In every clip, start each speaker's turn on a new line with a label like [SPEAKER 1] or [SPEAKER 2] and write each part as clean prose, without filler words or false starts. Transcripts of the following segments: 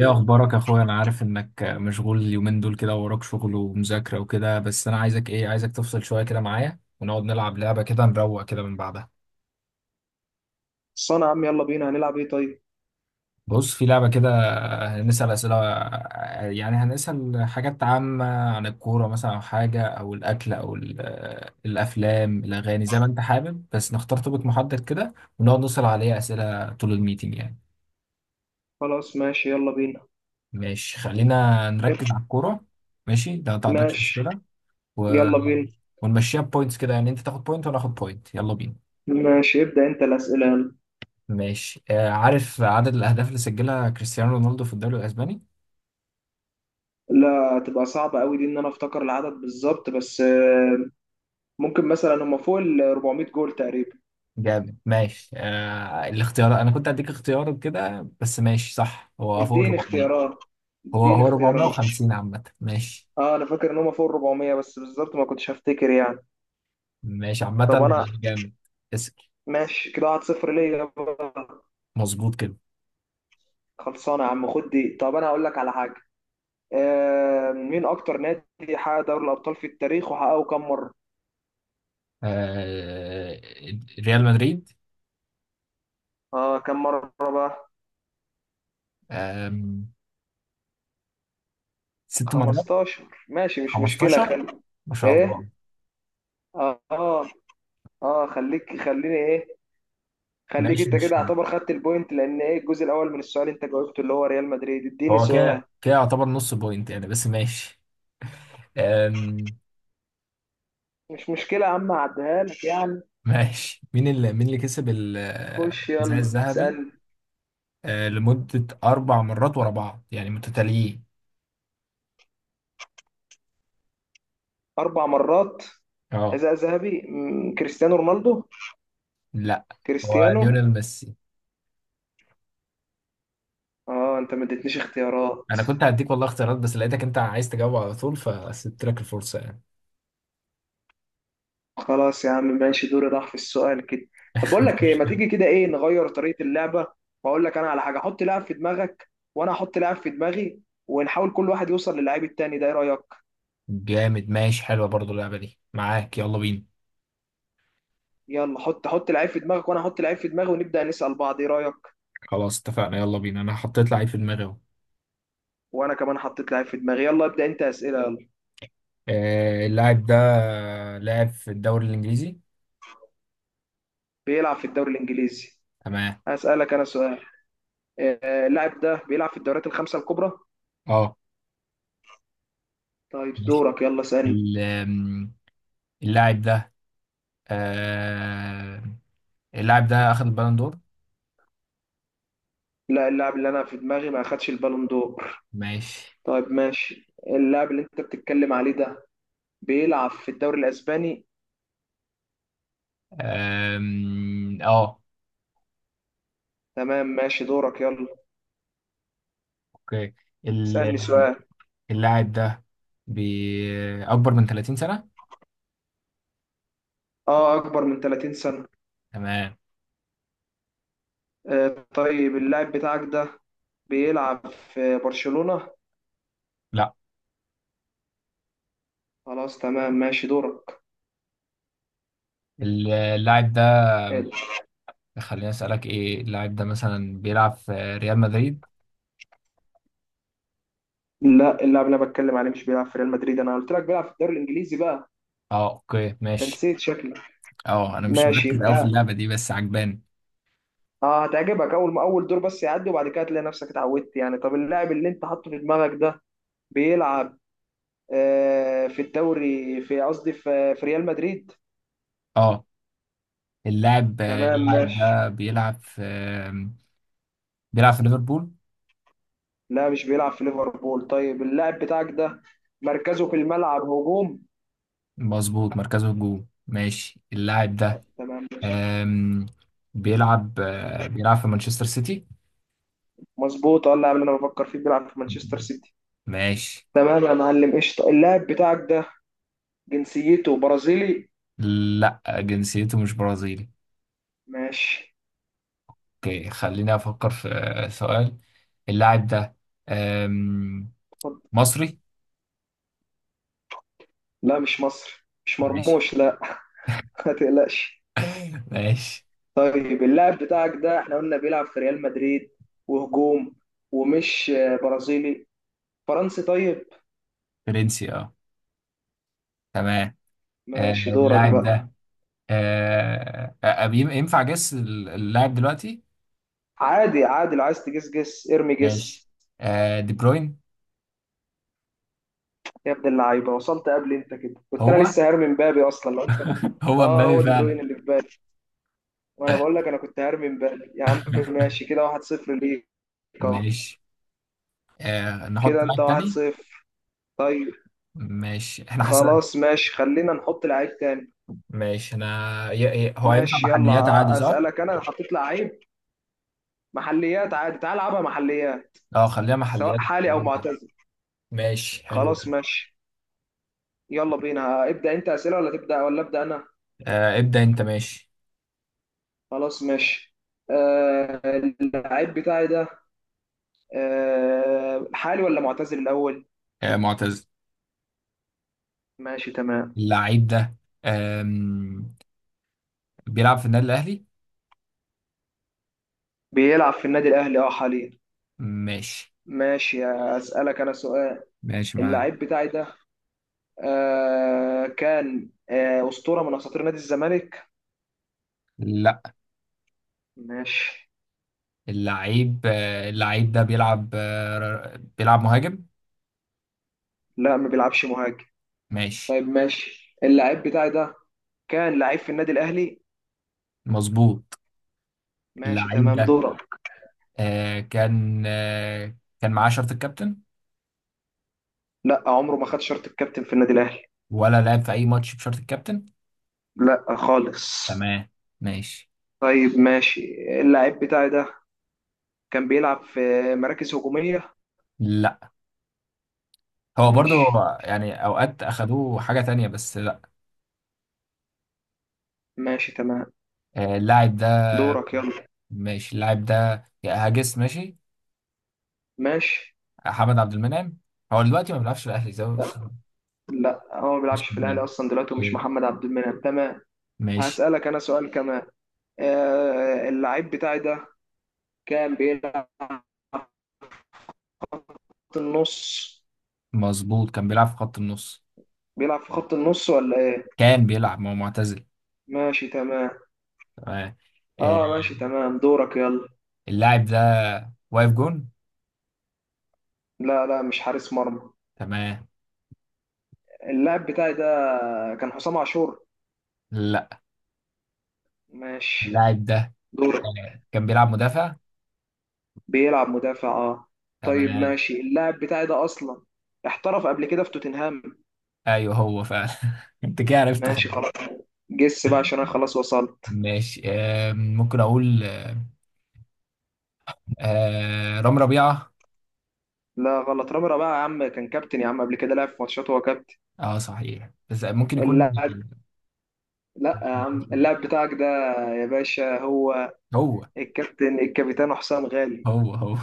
[SPEAKER 1] ايه اخبارك يا اخويا، انا عارف انك مشغول اليومين دول كده ووراك شغل ومذاكره وكده. بس انا عايزك تفصل شويه كده معايا ونقعد نلعب لعبه كده نروق كده من بعدها.
[SPEAKER 2] صنع يا عم، يلا بينا. هنلعب ايه؟ طيب
[SPEAKER 1] بص، في لعبه كده. هنسال اسئله، يعني هنسال حاجات عامه عن الكوره مثلا او حاجه او الاكل او الافلام الاغاني، زي ما انت حابب، بس نختار توبيك محدد كده ونقعد نسال عليه اسئله طول الميتنج يعني.
[SPEAKER 2] خلاص، ماشي. يلا بينا.
[SPEAKER 1] ماشي، خلينا
[SPEAKER 2] اب-
[SPEAKER 1] نركز على الكوره. ماشي، ده ما عندكش
[SPEAKER 2] ماشي
[SPEAKER 1] مشكله.
[SPEAKER 2] يلا بينا.
[SPEAKER 1] ونمشيها بوينتس كده يعني، انت تاخد بوينت وانا اخد بوينت. يلا بينا.
[SPEAKER 2] ماشي، ابدأ انت الأسئلة يلا.
[SPEAKER 1] ماشي. عارف عدد الاهداف اللي سجلها كريستيانو رونالدو في الدوري الاسباني؟
[SPEAKER 2] لا، تبقى صعبة قوي دي ان انا افتكر العدد بالظبط، بس ممكن مثلا هم فوق ال 400 جول تقريبا.
[SPEAKER 1] جامد، ماشي. الاختيار، انا كنت هديك اختيار كده بس ماشي. صح، هو فوق ال
[SPEAKER 2] اديني
[SPEAKER 1] 400.
[SPEAKER 2] اختيارات،
[SPEAKER 1] هو
[SPEAKER 2] اديني
[SPEAKER 1] هو
[SPEAKER 2] اختيارات.
[SPEAKER 1] 450 عامة، ماشي.
[SPEAKER 2] اه انا فاكر ان هم فوق ال 400 بس بالظبط ما كنتش هفتكر يعني.
[SPEAKER 1] ماشي
[SPEAKER 2] طب
[SPEAKER 1] عامة.
[SPEAKER 2] انا
[SPEAKER 1] جامد. اسأل.
[SPEAKER 2] ماشي كده 1-0 ليا بقى.
[SPEAKER 1] مظبوط كده.
[SPEAKER 2] خلصانه يا عم، خد دي. طب انا هقول لك على حاجه. آه، مين اكتر نادي حقق دوري الابطال في التاريخ وحققه كم مره؟
[SPEAKER 1] آه ريال مدريد.
[SPEAKER 2] اه كم مرة بقى؟
[SPEAKER 1] آه ست مرات.
[SPEAKER 2] 15؟ ماشي، مش مشكلة.
[SPEAKER 1] 15.
[SPEAKER 2] خلي
[SPEAKER 1] ما شاء الله.
[SPEAKER 2] ايه. اه، اه. آه، خليك خليني ايه، خليك
[SPEAKER 1] ماشي
[SPEAKER 2] انت
[SPEAKER 1] ماشي.
[SPEAKER 2] كده، اعتبر خدت البوينت، لان ايه، الجزء الاول من السؤال انت جاوبته، اللي هو ريال مدريد. اديني
[SPEAKER 1] هو
[SPEAKER 2] سؤال.
[SPEAKER 1] كده كده يعتبر نص بوينت يعني، بس ماشي. أم،
[SPEAKER 2] مش مشكلة يا عم، اعديها لك يعني.
[SPEAKER 1] ماشي. مين اللي كسب
[SPEAKER 2] خش
[SPEAKER 1] الحذاء
[SPEAKER 2] يلا
[SPEAKER 1] الذهبي؟
[SPEAKER 2] اسألني.
[SPEAKER 1] لمدة أربع مرات ورا بعض يعني متتاليين.
[SPEAKER 2] اربع مرات؟
[SPEAKER 1] اه،
[SPEAKER 2] حذاء ذهبي، كريستيانو رونالدو.
[SPEAKER 1] لا، هو
[SPEAKER 2] كريستيانو.
[SPEAKER 1] ليونيل ميسي.
[SPEAKER 2] اه انت ما اديتنيش اختيارات.
[SPEAKER 1] أنا كنت هديك والله اختيارات، بس لقيتك أنت عايز تجاوب على طول فسبت لك الفرصة يعني.
[SPEAKER 2] خلاص يا عم، ماشي، دوري راح في السؤال كده. طب بقول
[SPEAKER 1] مش
[SPEAKER 2] لك ايه، ما
[SPEAKER 1] مشكلة.
[SPEAKER 2] تيجي كده ايه نغير طريقة اللعبة، واقول لك انا على حاجة، حط لاعب في دماغك، وانا احط لاعب في دماغي، ونحاول كل واحد يوصل للعيب التاني. ده ايه رأيك؟
[SPEAKER 1] جامد، ماشي. حلوة برضو اللعبة دي معاك. يلا بينا.
[SPEAKER 2] يلا حط لعيب في دماغك، وانا احط لعيب في دماغي، ونبدأ نسأل بعض. ايه رأيك؟
[SPEAKER 1] خلاص اتفقنا. يلا بينا. أنا حطيت لعيب في دماغي أهو.
[SPEAKER 2] وانا كمان حطيت لعيب في دماغي. يلا ابدأ انت أسئلة يلا.
[SPEAKER 1] اللاعب ده لاعب في الدوري الإنجليزي.
[SPEAKER 2] بيلعب في الدوري الانجليزي.
[SPEAKER 1] تمام.
[SPEAKER 2] هسألك انا سؤال. اللاعب ده بيلعب في الدوريات الخمسة الكبرى؟
[SPEAKER 1] اه،
[SPEAKER 2] طيب
[SPEAKER 1] ماشي.
[SPEAKER 2] دورك، يلا اسألني.
[SPEAKER 1] ال- أم، اللاعب ده. آه اللاعب ده اخذ البالون دور.
[SPEAKER 2] لا، اللاعب اللي انا في دماغي ما اخدش البالون دور.
[SPEAKER 1] ماشي.
[SPEAKER 2] طيب ماشي، اللاعب اللي انت بتتكلم عليه ده بيلعب في الدوري الاسباني.
[SPEAKER 1] اه،
[SPEAKER 2] تمام، ماشي دورك يلا.
[SPEAKER 1] اوكي.
[SPEAKER 2] اسألني
[SPEAKER 1] ال-
[SPEAKER 2] سؤال.
[SPEAKER 1] اللاعب ده اكبر من 30 سنة.
[SPEAKER 2] اه، اكبر من 30 سنة.
[SPEAKER 1] تمام.
[SPEAKER 2] آه طيب، اللاعب بتاعك ده بيلعب في برشلونة؟
[SPEAKER 1] لا.
[SPEAKER 2] خلاص تمام، ماشي دورك.
[SPEAKER 1] اللاعب ده.
[SPEAKER 2] آه،
[SPEAKER 1] خليني اسالك ايه، اللاعب ده مثلا بيلعب في ريال مدريد؟
[SPEAKER 2] لا، اللاعب اللي انا بتكلم عليه مش بيلعب في ريال مدريد، انا قلت لك بيلعب في الدوري الانجليزي بقى.
[SPEAKER 1] اه، اوكي
[SPEAKER 2] انت
[SPEAKER 1] ماشي.
[SPEAKER 2] نسيت شكلك.
[SPEAKER 1] اه، انا مش
[SPEAKER 2] ماشي
[SPEAKER 1] مركز قوي في
[SPEAKER 2] يبقى،
[SPEAKER 1] اللعبة دي بس عجباني.
[SPEAKER 2] اه هتعجبك اول ما اول دور، بس يعدي وبعد كده هتلاقي نفسك اتعودت يعني. طب اللاعب اللي انت حاطه في دماغك ده بيلعب آه، في الدوري في قصدي في في ريال مدريد.
[SPEAKER 1] اه، اللاعب
[SPEAKER 2] تمام
[SPEAKER 1] اللاعب
[SPEAKER 2] ماشي.
[SPEAKER 1] ده بيلعب في. بيلعب في ليفربول؟
[SPEAKER 2] لا، مش بيلعب في ليفربول. طيب اللاعب بتاعك ده مركزه في الملعب هجوم.
[SPEAKER 1] مظبوط، مركزه هجوم، ماشي. اللاعب
[SPEAKER 2] طيب،
[SPEAKER 1] ده
[SPEAKER 2] تمام ماشي.
[SPEAKER 1] أم، بيلعب في مانشستر سيتي.
[SPEAKER 2] مظبوط، اه اللاعب اللي انا بفكر فيه بيلعب في مانشستر سيتي.
[SPEAKER 1] ماشي.
[SPEAKER 2] تمام يا معلم، قشطة. اللاعب بتاعك ده جنسيته برازيلي؟
[SPEAKER 1] لا، جنسيته مش برازيلي.
[SPEAKER 2] ماشي.
[SPEAKER 1] اوكي، خليني افكر في سؤال. اللاعب ده أم،
[SPEAKER 2] اتفضل.
[SPEAKER 1] مصري.
[SPEAKER 2] لا، مش مصري، مش
[SPEAKER 1] ماشي.
[SPEAKER 2] مرموش لا. ما تقلقش.
[SPEAKER 1] ماشي.
[SPEAKER 2] طيب اللاعب بتاعك ده احنا قلنا بيلعب في ريال مدريد وهجوم ومش برازيلي، فرنسي طيب؟
[SPEAKER 1] فرنسي، اه، تمام.
[SPEAKER 2] ماشي دورك
[SPEAKER 1] اللاعب
[SPEAKER 2] بقى.
[SPEAKER 1] ده. ينفع جس اللاعب دلوقتي؟
[SPEAKER 2] عادي عادي، لو عايز تجس جس، ارمي
[SPEAKER 1] ماشي.
[SPEAKER 2] جس.
[SPEAKER 1] دي بروين.
[SPEAKER 2] يا ابن اللعيبه، وصلت قبل انت كده، كنت انا
[SPEAKER 1] هو
[SPEAKER 2] لسه هرمي مبابي اصلا لو انت.
[SPEAKER 1] هو
[SPEAKER 2] اه
[SPEAKER 1] مبابي
[SPEAKER 2] هو دي بروين
[SPEAKER 1] فعلا؟
[SPEAKER 2] اللي في بالي، وانا بقول لك انا كنت هرمي مبابي يا عم. ماشي كده 1-0 ليك. اهو
[SPEAKER 1] ماشي. نحط
[SPEAKER 2] كده انت
[SPEAKER 1] لاعب تاني.
[SPEAKER 2] 1-0. طيب
[SPEAKER 1] ماشي احنا.
[SPEAKER 2] خلاص ماشي، خلينا نحط لعيب تاني.
[SPEAKER 1] ماشي انا. هو ينفع
[SPEAKER 2] ماشي،
[SPEAKER 1] محليات عادي
[SPEAKER 2] يلا
[SPEAKER 1] صح؟
[SPEAKER 2] اسالك انا. أنا حطيت لعيب. محليات عادي، تعال العبها محليات.
[SPEAKER 1] اه، خليها
[SPEAKER 2] سواء
[SPEAKER 1] محليات.
[SPEAKER 2] حالي او
[SPEAKER 1] جدا.
[SPEAKER 2] معتزل.
[SPEAKER 1] ماشي، حلو
[SPEAKER 2] خلاص
[SPEAKER 1] ده.
[SPEAKER 2] ماشي، يلا بينا. ابدا انت اسئله ولا تبدا، ولا ابدا انا؟
[SPEAKER 1] ابدأ انت، ماشي.
[SPEAKER 2] خلاص ماشي. آه، اللعيب بتاعي ده آه، حالي ولا معتزل الأول؟
[SPEAKER 1] معتزل.
[SPEAKER 2] ماشي تمام.
[SPEAKER 1] اللعيب ده آم... بيلعب في النادي الأهلي؟
[SPEAKER 2] بيلعب في النادي الأهلي اه حاليا.
[SPEAKER 1] ماشي.
[SPEAKER 2] ماشي. أسألك أنا سؤال.
[SPEAKER 1] ماشي معاك.
[SPEAKER 2] اللعيب بتاعي ده كان أسطورة من أساطير نادي الزمالك؟
[SPEAKER 1] لا.
[SPEAKER 2] ماشي.
[SPEAKER 1] اللعيب ده بيلعب مهاجم؟
[SPEAKER 2] لا، ما بيلعبش مهاجم.
[SPEAKER 1] ماشي.
[SPEAKER 2] طيب ماشي، اللعيب بتاعي ده كان لعيب في النادي الأهلي؟
[SPEAKER 1] مظبوط.
[SPEAKER 2] ماشي
[SPEAKER 1] اللعيب
[SPEAKER 2] تمام
[SPEAKER 1] ده
[SPEAKER 2] دورك.
[SPEAKER 1] كان معاه شرط الكابتن؟
[SPEAKER 2] لا، عمره ما خد شرط الكابتن في النادي الأهلي.
[SPEAKER 1] ولا لعب في أي ماتش بشرط الكابتن؟
[SPEAKER 2] لا خالص.
[SPEAKER 1] تمام. ماشي.
[SPEAKER 2] طيب ماشي، اللعيب بتاعي ده كان بيلعب في مراكز هجومية.
[SPEAKER 1] لا. هو برضه
[SPEAKER 2] ماشي.
[SPEAKER 1] هو يعني اوقات اخدوه حاجه تانية بس لا.
[SPEAKER 2] ماشي تمام
[SPEAKER 1] اللاعب ده.
[SPEAKER 2] دورك يلا.
[SPEAKER 1] ماشي، اللاعب ده يا هاجس ماشي.
[SPEAKER 2] ماشي.
[SPEAKER 1] حمد عبد المنعم. هو دلوقتي ما بيلعبش في الاهلي زي
[SPEAKER 2] لا
[SPEAKER 1] ماشي
[SPEAKER 2] لا، هو ما
[SPEAKER 1] في
[SPEAKER 2] بيلعبش في الأهلي
[SPEAKER 1] النادي.
[SPEAKER 2] أصلا دلوقتي، ومش
[SPEAKER 1] اوكي،
[SPEAKER 2] محمد عبد المنعم. تمام.
[SPEAKER 1] ماشي.
[SPEAKER 2] هسألك أنا سؤال كمان. آه اللعيب بتاعي ده كان بيلعب في خط النص.
[SPEAKER 1] مظبوط كان بيلعب في خط النص.
[SPEAKER 2] بيلعب في خط النص ولا إيه؟
[SPEAKER 1] كان بيلعب، ما هو معتزل.
[SPEAKER 2] ماشي تمام.
[SPEAKER 1] تمام. آه،
[SPEAKER 2] اه ماشي تمام دورك يلا.
[SPEAKER 1] اللاعب ده واقف جون؟
[SPEAKER 2] لا لا، مش حارس مرمى.
[SPEAKER 1] تمام.
[SPEAKER 2] اللاعب بتاعي ده كان حسام عاشور؟
[SPEAKER 1] لا.
[SPEAKER 2] ماشي
[SPEAKER 1] اللاعب ده
[SPEAKER 2] دورك.
[SPEAKER 1] كان بيلعب مدافع.
[SPEAKER 2] بيلعب مدافع اه. طيب
[SPEAKER 1] تمام.
[SPEAKER 2] ماشي، اللاعب بتاعي ده اصلا احترف قبل كده في توتنهام.
[SPEAKER 1] ايوه هو فعلا. انت كده عرفت
[SPEAKER 2] ماشي
[SPEAKER 1] خلاص.
[SPEAKER 2] خلاص، جس بقى عشان انا خلاص وصلت.
[SPEAKER 1] ماشي. ممكن اقول رام ربيعة؟
[SPEAKER 2] لا غلط، رامي بقى يا عم كان كابتن يا عم، قبل كده لعب في ماتشات وهو كابتن.
[SPEAKER 1] اه صحيح، بس ممكن يكون.
[SPEAKER 2] اللاعب لا يا عم، اللاعب بتاعك ده يا باشا هو
[SPEAKER 1] هو
[SPEAKER 2] الكابتن حسام غالي.
[SPEAKER 1] هو هو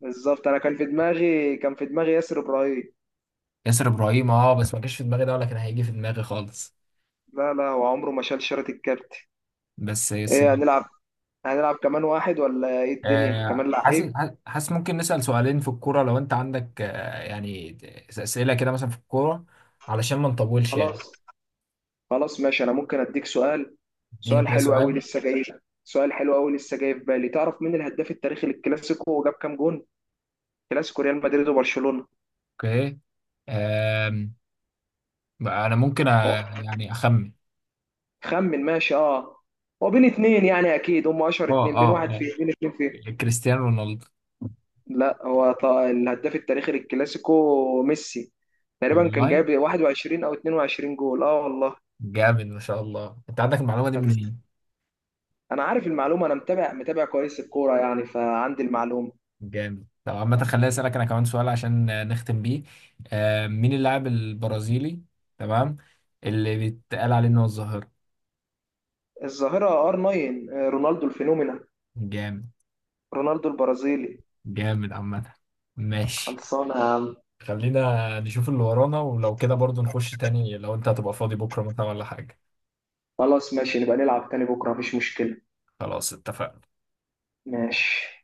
[SPEAKER 2] بالظبط، انا كان في دماغي ياسر ابراهيم.
[SPEAKER 1] ياسر ابراهيم، اه، بس ما جاش في دماغي ده ولا كان هيجي في دماغي خالص.
[SPEAKER 2] لا لا، هو عمره ما شال شارة الكابتن.
[SPEAKER 1] بس بس
[SPEAKER 2] ايه،
[SPEAKER 1] جه.
[SPEAKER 2] هنلعب؟ هنلعب كمان واحد ولا ايه الدنيا، كمان
[SPEAKER 1] حاسس.
[SPEAKER 2] لعيب؟
[SPEAKER 1] حاسس ممكن نسأل سؤالين في الكورة لو انت عندك يعني أسئلة كده مثلا في الكورة علشان ما نطولش
[SPEAKER 2] خلاص.
[SPEAKER 1] يعني.
[SPEAKER 2] خلاص ماشي، انا ممكن اديك سؤال. سؤال
[SPEAKER 1] اديني كده
[SPEAKER 2] حلو قوي
[SPEAKER 1] سؤال.
[SPEAKER 2] لسه جاي، سؤال حلو قوي لسه جاي في بالي. تعرف مين الهداف التاريخي للكلاسيكو وجاب كام جون؟ كلاسيكو ريال مدريد وبرشلونة.
[SPEAKER 1] اوكي. آم، بقى انا ممكن
[SPEAKER 2] أه،
[SPEAKER 1] يعني اخمن.
[SPEAKER 2] خمن ماشي اه. هو بين اتنين يعني اكيد، هم اشهر
[SPEAKER 1] اه
[SPEAKER 2] اتنين. بين
[SPEAKER 1] اه
[SPEAKER 2] واحد فيه بين
[SPEAKER 1] اه،
[SPEAKER 2] اتنين فيه.
[SPEAKER 1] كريستيانو رونالدو.
[SPEAKER 2] لا هو، الهداف التاريخي للكلاسيكو ميسي، تقريبا كان
[SPEAKER 1] والله.
[SPEAKER 2] جايب 21 او 22 جول اه والله.
[SPEAKER 1] جامد، ما شاء الله، انت عندك المعلومة دي
[SPEAKER 2] طب است-
[SPEAKER 1] منين؟
[SPEAKER 2] انا عارف المعلومه، انا متابع كويس الكوره يعني، فعندي المعلومه.
[SPEAKER 1] جامد. طب عامة خليني أسألك أنا كمان سؤال عشان نختم بيه. مين اللاعب البرازيلي، تمام، اللي بيتقال عليه إن هو الظاهرة؟
[SPEAKER 2] الظاهره ار 9، رونالدو الفينومينا،
[SPEAKER 1] جامد.
[SPEAKER 2] رونالدو البرازيلي.
[SPEAKER 1] جامد عامة. ماشي،
[SPEAKER 2] خلصانة يا عم.
[SPEAKER 1] خلينا نشوف اللي ورانا، ولو كده برضو نخش تاني لو أنت هتبقى فاضي بكرة مثلا ولا حاجة.
[SPEAKER 2] خلاص ماشي، نبقى نلعب تاني بكرة، مفيش مشكلة.
[SPEAKER 1] خلاص اتفقنا.
[SPEAKER 2] ماشي.